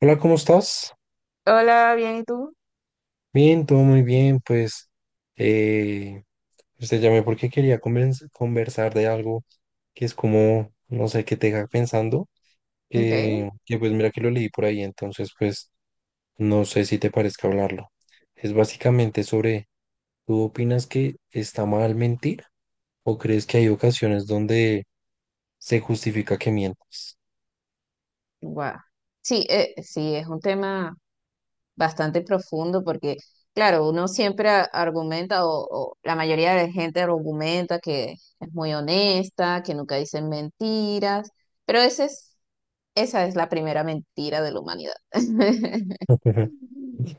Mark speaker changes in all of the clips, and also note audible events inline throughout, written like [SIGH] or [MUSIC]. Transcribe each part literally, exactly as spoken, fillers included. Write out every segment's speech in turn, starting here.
Speaker 1: Hola, ¿cómo estás?
Speaker 2: Hola, bien, ¿y tú?
Speaker 1: Bien, todo muy bien. Pues eh, pues te llamé porque quería convers- conversar de algo que es como, no sé, que te deja pensando,
Speaker 2: Ok,
Speaker 1: que, que pues mira que lo leí por ahí, entonces pues no sé si te parezca hablarlo. Es básicamente sobre, ¿tú opinas que está mal mentir o crees que hay ocasiones donde se justifica que mientas?
Speaker 2: guau. Sí, eh, sí, es un tema bastante profundo porque, claro, uno siempre a- argumenta o, o la mayoría de gente argumenta que es muy honesta, que nunca dicen mentiras, pero ese es, esa es la primera mentira de la humanidad, [LAUGHS]
Speaker 1: [LAUGHS]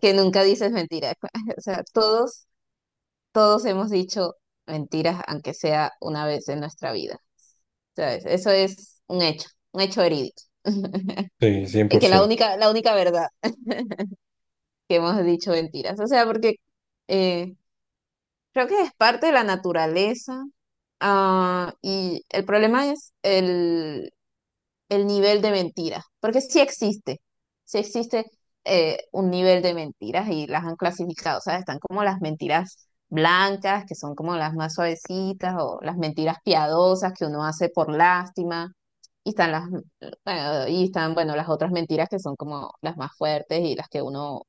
Speaker 2: que nunca dices mentiras. [LAUGHS] O sea, todos, todos hemos dicho mentiras, aunque sea una vez en nuestra vida. ¿Sabes? Eso es un hecho, un hecho verídico. [LAUGHS]
Speaker 1: Sí,
Speaker 2: Es que la
Speaker 1: cien por ciento.
Speaker 2: única, la única verdad que hemos dicho mentiras. O sea, porque eh, creo que es parte de la naturaleza. ah, y el problema es el, el nivel de mentiras. Porque sí existe. Sí existe eh, un nivel de mentiras y las han clasificado. O sea, están como las mentiras blancas, que son como las más suavecitas, o las mentiras piadosas que uno hace por lástima. Y están las, bueno, y están, bueno, las otras mentiras que son como las más fuertes y las que uno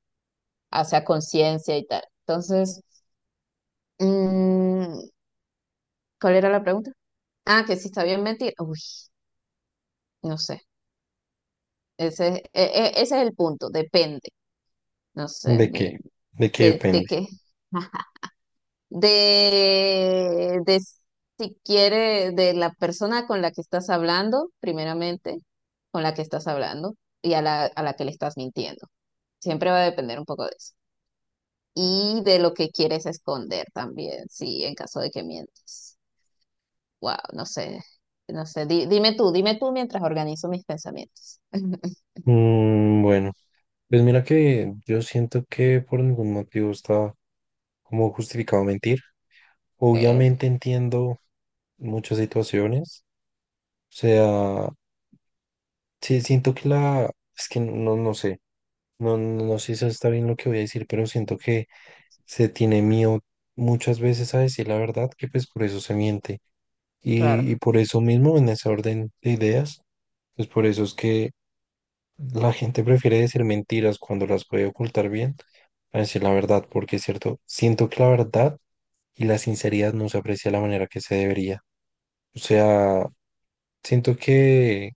Speaker 2: o sea, conciencia y tal. Entonces, mm, ¿cuál era la pregunta? Ah, que si está bien mentir. Uy, no sé. Ese, es- e- e- ese es el punto, depende. No sé,
Speaker 1: ¿De qué?
Speaker 2: de,
Speaker 1: ¿De qué
Speaker 2: de,
Speaker 1: depende?
Speaker 2: de qué. [LAUGHS] De, de si quiere, de la persona con la que estás hablando, primeramente, con la que estás hablando y a la, a la que le estás mintiendo. Siempre va a depender un poco de eso. Y de lo que quieres esconder también, sí, en caso de que mientas. Wow, no sé, no sé. Di- dime tú, dime tú mientras organizo mis pensamientos. [LAUGHS]
Speaker 1: Mm, bueno. Pues mira que yo siento que por ningún motivo está como justificado mentir.
Speaker 2: Okay,
Speaker 1: Obviamente entiendo muchas situaciones. O sea, sí, siento que la... Es que no, no sé. No, no no sé si está bien lo que voy a decir, pero siento que se tiene miedo muchas veces a decir la verdad, que pues por eso se miente. Y,
Speaker 2: claro.
Speaker 1: y por eso mismo, en ese orden de ideas, pues por eso es que la gente prefiere decir mentiras cuando las puede ocultar bien a decir la verdad, porque es cierto, siento que la verdad y la sinceridad no se aprecia de la manera que se debería. O sea, siento que,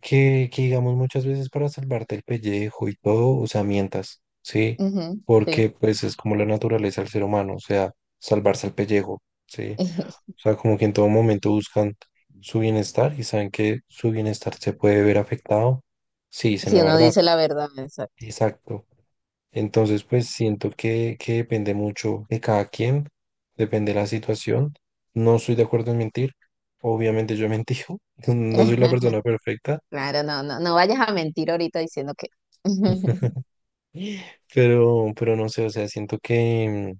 Speaker 1: que, que digamos muchas veces para salvarte el pellejo y todo, o sea, mientas, ¿sí?
Speaker 2: Ujú, sí.
Speaker 1: Porque pues es como la naturaleza del ser humano, o sea, salvarse el pellejo, ¿sí?
Speaker 2: [LAUGHS]
Speaker 1: O sea, como que en todo momento buscan su bienestar y saben que su bienestar se puede ver afectado si dicen
Speaker 2: Si
Speaker 1: la
Speaker 2: uno
Speaker 1: verdad.
Speaker 2: dice la verdad, exacto.
Speaker 1: Exacto. Entonces, pues siento que, que depende mucho de cada quien, depende de la situación. No estoy de acuerdo en mentir. Obviamente yo he mentido, [LAUGHS] no soy la persona
Speaker 2: [LAUGHS]
Speaker 1: perfecta,
Speaker 2: Claro, no, no, no vayas a mentir ahorita diciendo que. [LAUGHS]
Speaker 1: pero, pero no sé, o sea, siento que,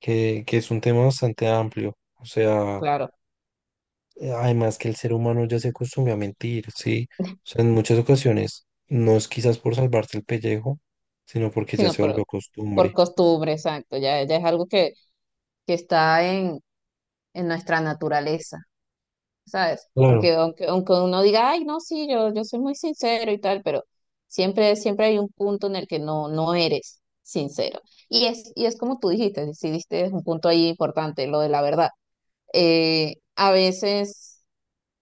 Speaker 1: que, que es un tema bastante amplio. O sea,
Speaker 2: Claro,
Speaker 1: además que el ser humano ya se acostumbra a mentir, ¿sí? O sea, en muchas ocasiones no es quizás por salvarse el pellejo, sino porque ya
Speaker 2: sino
Speaker 1: se volvió
Speaker 2: por, por
Speaker 1: costumbre.
Speaker 2: costumbre, exacto. Ya, ya es algo que, que está en, en nuestra naturaleza. ¿Sabes? Porque
Speaker 1: Claro.
Speaker 2: aunque, aunque uno diga, ay, no, sí, yo, yo soy muy sincero y tal, pero siempre, siempre hay un punto en el que no, no eres sincero. Y es, y es como tú dijiste, si diste un punto ahí importante, lo de la verdad. Eh, a veces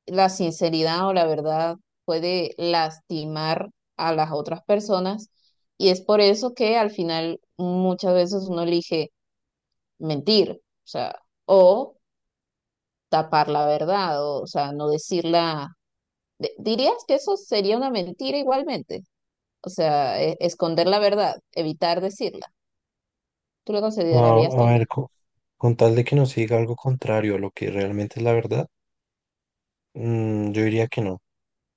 Speaker 2: la sinceridad o la verdad puede lastimar a las otras personas y es por eso que al final muchas veces uno elige mentir, o sea, o tapar la verdad, o, o sea, no decirla de- ¿Dirías que eso sería una mentira igualmente? O sea, e- esconder la verdad, evitar decirla. ¿Tú lo
Speaker 1: A,
Speaker 2: considerarías
Speaker 1: a ver,
Speaker 2: también?
Speaker 1: co- con, tal de que no se diga algo contrario a lo que realmente es la verdad, mm, yo diría que no.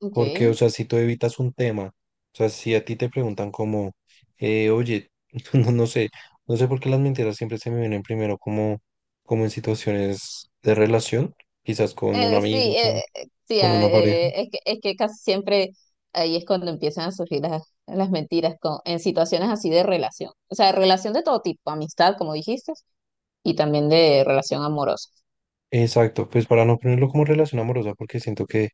Speaker 2: Ok.
Speaker 1: Porque, o
Speaker 2: Eh,
Speaker 1: sea, si tú evitas un tema, o sea, si a ti te preguntan como, eh, oye, [LAUGHS] no, no sé, no sé por qué las mentiras siempre se me vienen primero como, como en situaciones de relación, quizás con un
Speaker 2: sí,
Speaker 1: amigo, con,
Speaker 2: eh, eh, sí,
Speaker 1: con
Speaker 2: ah,
Speaker 1: una pareja.
Speaker 2: eh, es que, es que casi siempre ahí es cuando empiezan a surgir las, las mentiras con, en situaciones así de relación. O sea, relación de todo tipo, amistad, como dijiste, y también de relación amorosa.
Speaker 1: Exacto, pues para no ponerlo como relación amorosa, porque siento que,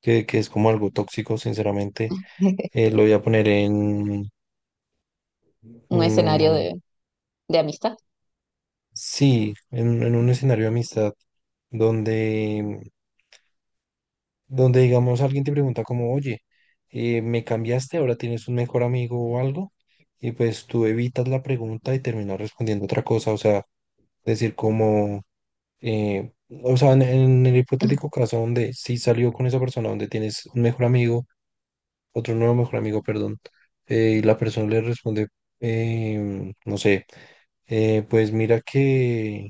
Speaker 1: que, que es como algo tóxico, sinceramente,
Speaker 2: [LAUGHS]
Speaker 1: eh, lo voy a poner en...
Speaker 2: Un escenario
Speaker 1: Mm,
Speaker 2: de, de amistad.
Speaker 1: sí, en, en un escenario de amistad donde, donde digamos alguien te pregunta como, oye, eh, ¿me cambiaste? ¿Ahora tienes un mejor amigo o algo? Y pues tú evitas la pregunta y terminas respondiendo otra cosa, o sea, decir como, eh, o sea, en, en el
Speaker 2: [LAUGHS]
Speaker 1: hipotético caso donde sí salió con esa persona, donde tienes un mejor amigo, otro nuevo mejor amigo, perdón, eh, y la persona le responde, em, no sé, eh, pues mira que...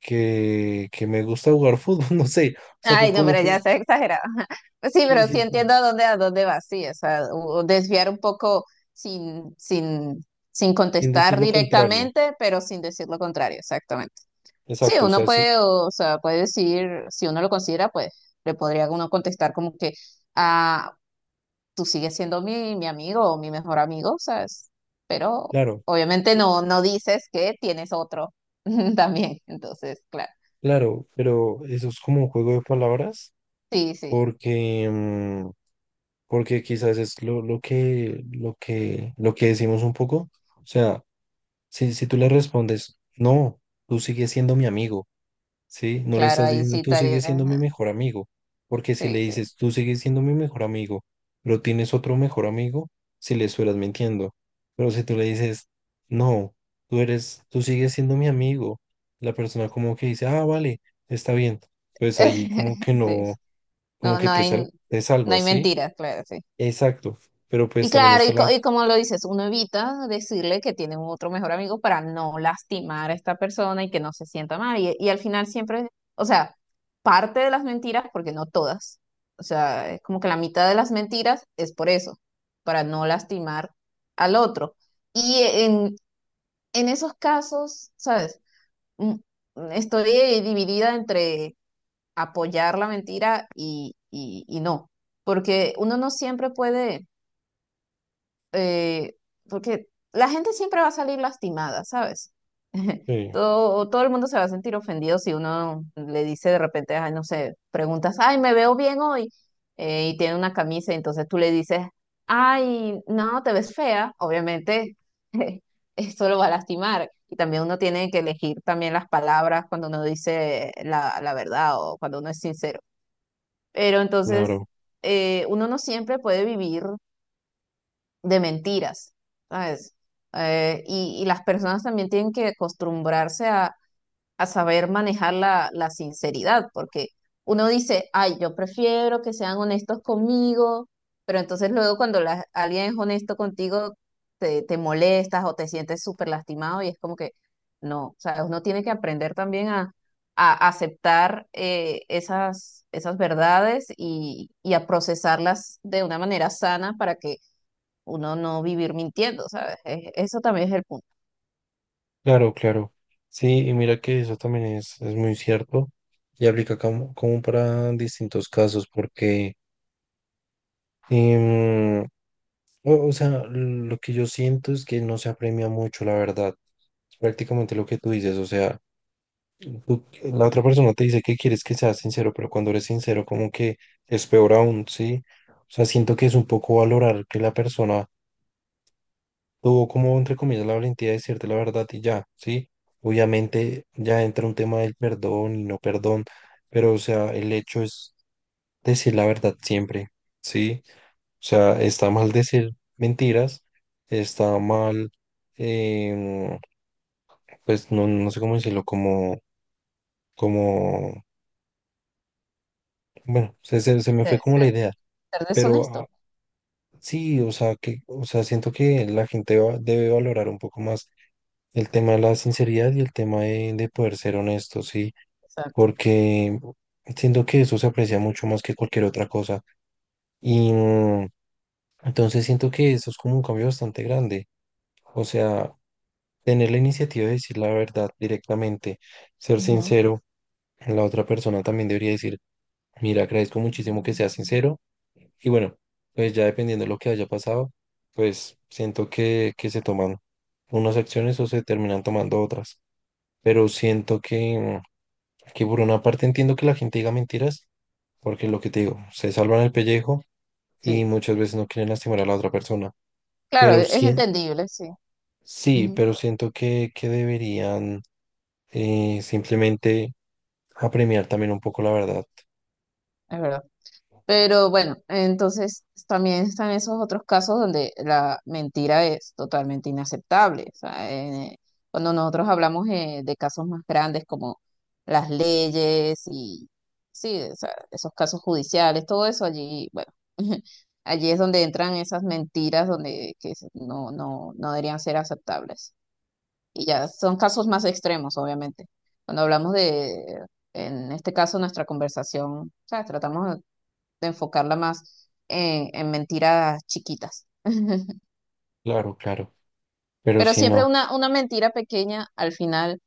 Speaker 1: que, que me gusta jugar fútbol, [LAUGHS] no sé, o sea, co-
Speaker 2: Ay, no,
Speaker 1: como
Speaker 2: pero ya
Speaker 1: que,
Speaker 2: se exagerado. [LAUGHS] Pues sí,
Speaker 1: sí,
Speaker 2: pero
Speaker 1: sí,
Speaker 2: sí
Speaker 1: sí,
Speaker 2: entiendo a dónde, a dónde vas, sí, o sea, o desviar un poco sin, sin, sin
Speaker 1: sin decir
Speaker 2: contestar
Speaker 1: lo contrario,
Speaker 2: directamente, pero sin decir lo contrario, exactamente. Sí,
Speaker 1: exacto, o
Speaker 2: uno
Speaker 1: sea, sí,
Speaker 2: puede, o sea, puede decir, si uno lo considera, pues le podría uno contestar como que, ah, tú sigues siendo mi, mi amigo o mi mejor amigo, ¿sabes? Pero
Speaker 1: claro,
Speaker 2: obviamente no, no dices que tienes otro [LAUGHS] también, entonces, claro,
Speaker 1: claro, pero eso es como un juego de palabras,
Speaker 2: sí, sí,
Speaker 1: porque, mm, porque quizás es lo, lo que, lo que, lo que decimos un poco, o sea, si, si tú le respondes, no, tú sigues siendo mi amigo, ¿sí? No le
Speaker 2: claro,
Speaker 1: estás
Speaker 2: ahí
Speaker 1: diciendo,
Speaker 2: sí
Speaker 1: tú
Speaker 2: estaría,
Speaker 1: sigues siendo mi mejor amigo, porque si le
Speaker 2: sí, sí.
Speaker 1: dices, tú sigues siendo mi mejor amigo, pero tienes otro mejor amigo, si le estuvieras mintiendo. Pero si tú le dices, no, tú eres, tú sigues siendo mi amigo, la persona como que dice, ah, vale, está bien, pues ahí como que
Speaker 2: [LAUGHS] Sí,
Speaker 1: no,
Speaker 2: sí.
Speaker 1: como
Speaker 2: No,
Speaker 1: que
Speaker 2: no
Speaker 1: te
Speaker 2: hay,
Speaker 1: sal- te
Speaker 2: no hay
Speaker 1: salvas, ¿sí?
Speaker 2: mentiras, claro, sí.
Speaker 1: Exacto, pero pues
Speaker 2: Y
Speaker 1: también
Speaker 2: claro,
Speaker 1: está
Speaker 2: y,
Speaker 1: la...
Speaker 2: co- y como lo dices, uno evita decirle que tiene un otro mejor amigo para no lastimar a esta persona y que no se sienta mal. Y, y al final siempre, o sea, parte de las mentiras, porque no todas, o sea, es como que la mitad de las mentiras es por eso, para no lastimar al otro. Y en, en esos casos, ¿sabes? Mm, estoy dividida entre apoyar la mentira y, y- y no, porque uno no siempre puede, eh, porque la gente siempre va a salir lastimada, ¿sabes? [LAUGHS]
Speaker 1: Sí,
Speaker 2: Todo, todo el mundo se va a sentir ofendido si uno le dice de repente, ay, no sé, preguntas, ay, me veo bien hoy, eh, y tiene una camisa, y entonces tú le dices, ay, no, te ves fea, obviamente. [LAUGHS] Eso lo va a lastimar. Y también uno tiene que elegir también las palabras cuando uno dice la, la verdad o cuando uno es sincero. Pero entonces,
Speaker 1: claro.
Speaker 2: eh, uno no siempre puede vivir de mentiras, ¿sabes? Eh, y, y las personas también tienen que acostumbrarse a saber manejar la, la sinceridad, porque uno dice, ay, yo prefiero que sean honestos conmigo, pero entonces luego cuando la- alguien es honesto contigo, te, te molestas o te sientes súper lastimado y es como que, no, o sea, uno tiene que aprender también a, a aceptar eh, esas, esas verdades y, y a procesarlas de una manera sana para que uno no vivir mintiendo, ¿sabes? E- Eso también es el punto,
Speaker 1: Claro, claro. Sí, y mira que eso también es, es muy cierto y aplica como, como para distintos casos, porque, em, o, o sea, lo que yo siento es que no se apremia mucho, la verdad. Es prácticamente lo que tú dices, o sea, tú- la otra persona te dice que quieres que seas sincero, pero cuando eres sincero, como que es peor aún, ¿sí? O sea, siento que es un poco valorar que la persona tuvo como, entre comillas, la valentía de decirte la verdad y ya, ¿sí? Obviamente ya entra un tema del perdón y no perdón, pero o sea, el hecho es decir la verdad siempre, ¿sí? O sea, está mal decir mentiras, está mal, em, pues no, no sé cómo decirlo, como, como, bueno, se, se, se me
Speaker 2: ser,
Speaker 1: fue como la
Speaker 2: ser-
Speaker 1: idea,
Speaker 2: ser
Speaker 1: pero ah,
Speaker 2: deshonesto.
Speaker 1: sí, o sea, que, o sea, siento que la gente va- debe valorar un poco más el tema de la sinceridad y el tema de, de poder ser honesto, sí,
Speaker 2: Exacto.
Speaker 1: porque siento que eso se aprecia mucho más que cualquier otra cosa. Y mm, entonces siento que eso es como un cambio bastante grande. O sea, tener la iniciativa de decir la verdad directamente, ser
Speaker 2: Ujú.
Speaker 1: sincero, la otra persona también debería decir, mira, agradezco muchísimo que seas sincero. Y bueno, pues ya dependiendo de lo que haya pasado, pues siento que, que se toman unas acciones o se terminan tomando otras. Pero siento que... mm, que por una parte entiendo que la gente diga mentiras, porque lo que te digo, se salvan el pellejo y
Speaker 2: Sí.
Speaker 1: muchas veces no quieren lastimar a la otra persona.
Speaker 2: Claro,
Speaker 1: Pero
Speaker 2: e-, es
Speaker 1: sí,
Speaker 2: entendible, sí,
Speaker 1: sí,
Speaker 2: ujú,
Speaker 1: pero siento que, que deberían eh, simplemente apremiar también un poco la verdad.
Speaker 2: es verdad. Pero bueno, entonces también están esos otros casos donde la mentira es totalmente inaceptable. O sea, eh, cuando nosotros hablamos eh, de casos más grandes como las leyes y sí, o sea, esos casos judiciales, todo eso allí, bueno, [LAUGHS] allí es donde entran esas mentiras donde que se- no, no, no deberían ser aceptables. Y ya, son casos más extremos, obviamente. Cuando hablamos de, en este caso, nuestra conversación, ¿sabes? Tratamos de enfocarla más en, en mentiras chiquitas. [LAUGHS]
Speaker 1: Claro, claro. Pero
Speaker 2: Pero
Speaker 1: si
Speaker 2: siempre
Speaker 1: no,
Speaker 2: una, una mentira pequeña al final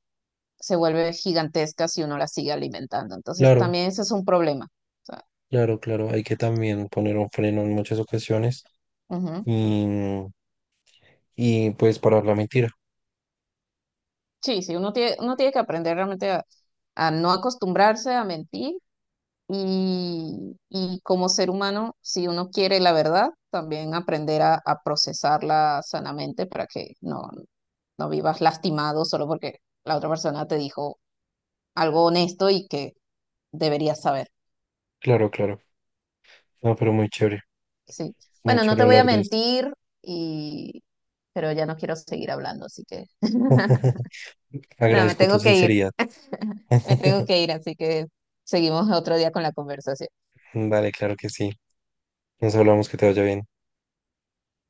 Speaker 2: se vuelve gigantesca si uno la sigue alimentando. Entonces,
Speaker 1: claro,
Speaker 2: también ese es un problema. O sea,
Speaker 1: claro, claro. Hay que también poner un freno en muchas ocasiones
Speaker 2: ujú.
Speaker 1: y, y pues parar la mentira.
Speaker 2: Sí, sí, uno tiene, uno tiene que aprender realmente a, a no acostumbrarse a mentir. Y, y como ser humano, si uno quiere la verdad, también aprender a, a procesarla sanamente para que no, no vivas lastimado solo porque la otra persona te dijo algo honesto y que deberías saber.
Speaker 1: Claro, claro. No, pero muy chévere,
Speaker 2: Sí.
Speaker 1: muy
Speaker 2: Bueno, no te
Speaker 1: chévere
Speaker 2: voy a
Speaker 1: hablar de esto.
Speaker 2: mentir, y... pero ya no quiero seguir hablando, así que [LAUGHS]
Speaker 1: [LAUGHS]
Speaker 2: no, me
Speaker 1: Agradezco tu
Speaker 2: tengo que ir,
Speaker 1: sinceridad.
Speaker 2: me tengo
Speaker 1: [LAUGHS]
Speaker 2: que ir, así que seguimos otro día con la conversación.
Speaker 1: Vale, claro que sí. Nos hablamos, que te vaya bien.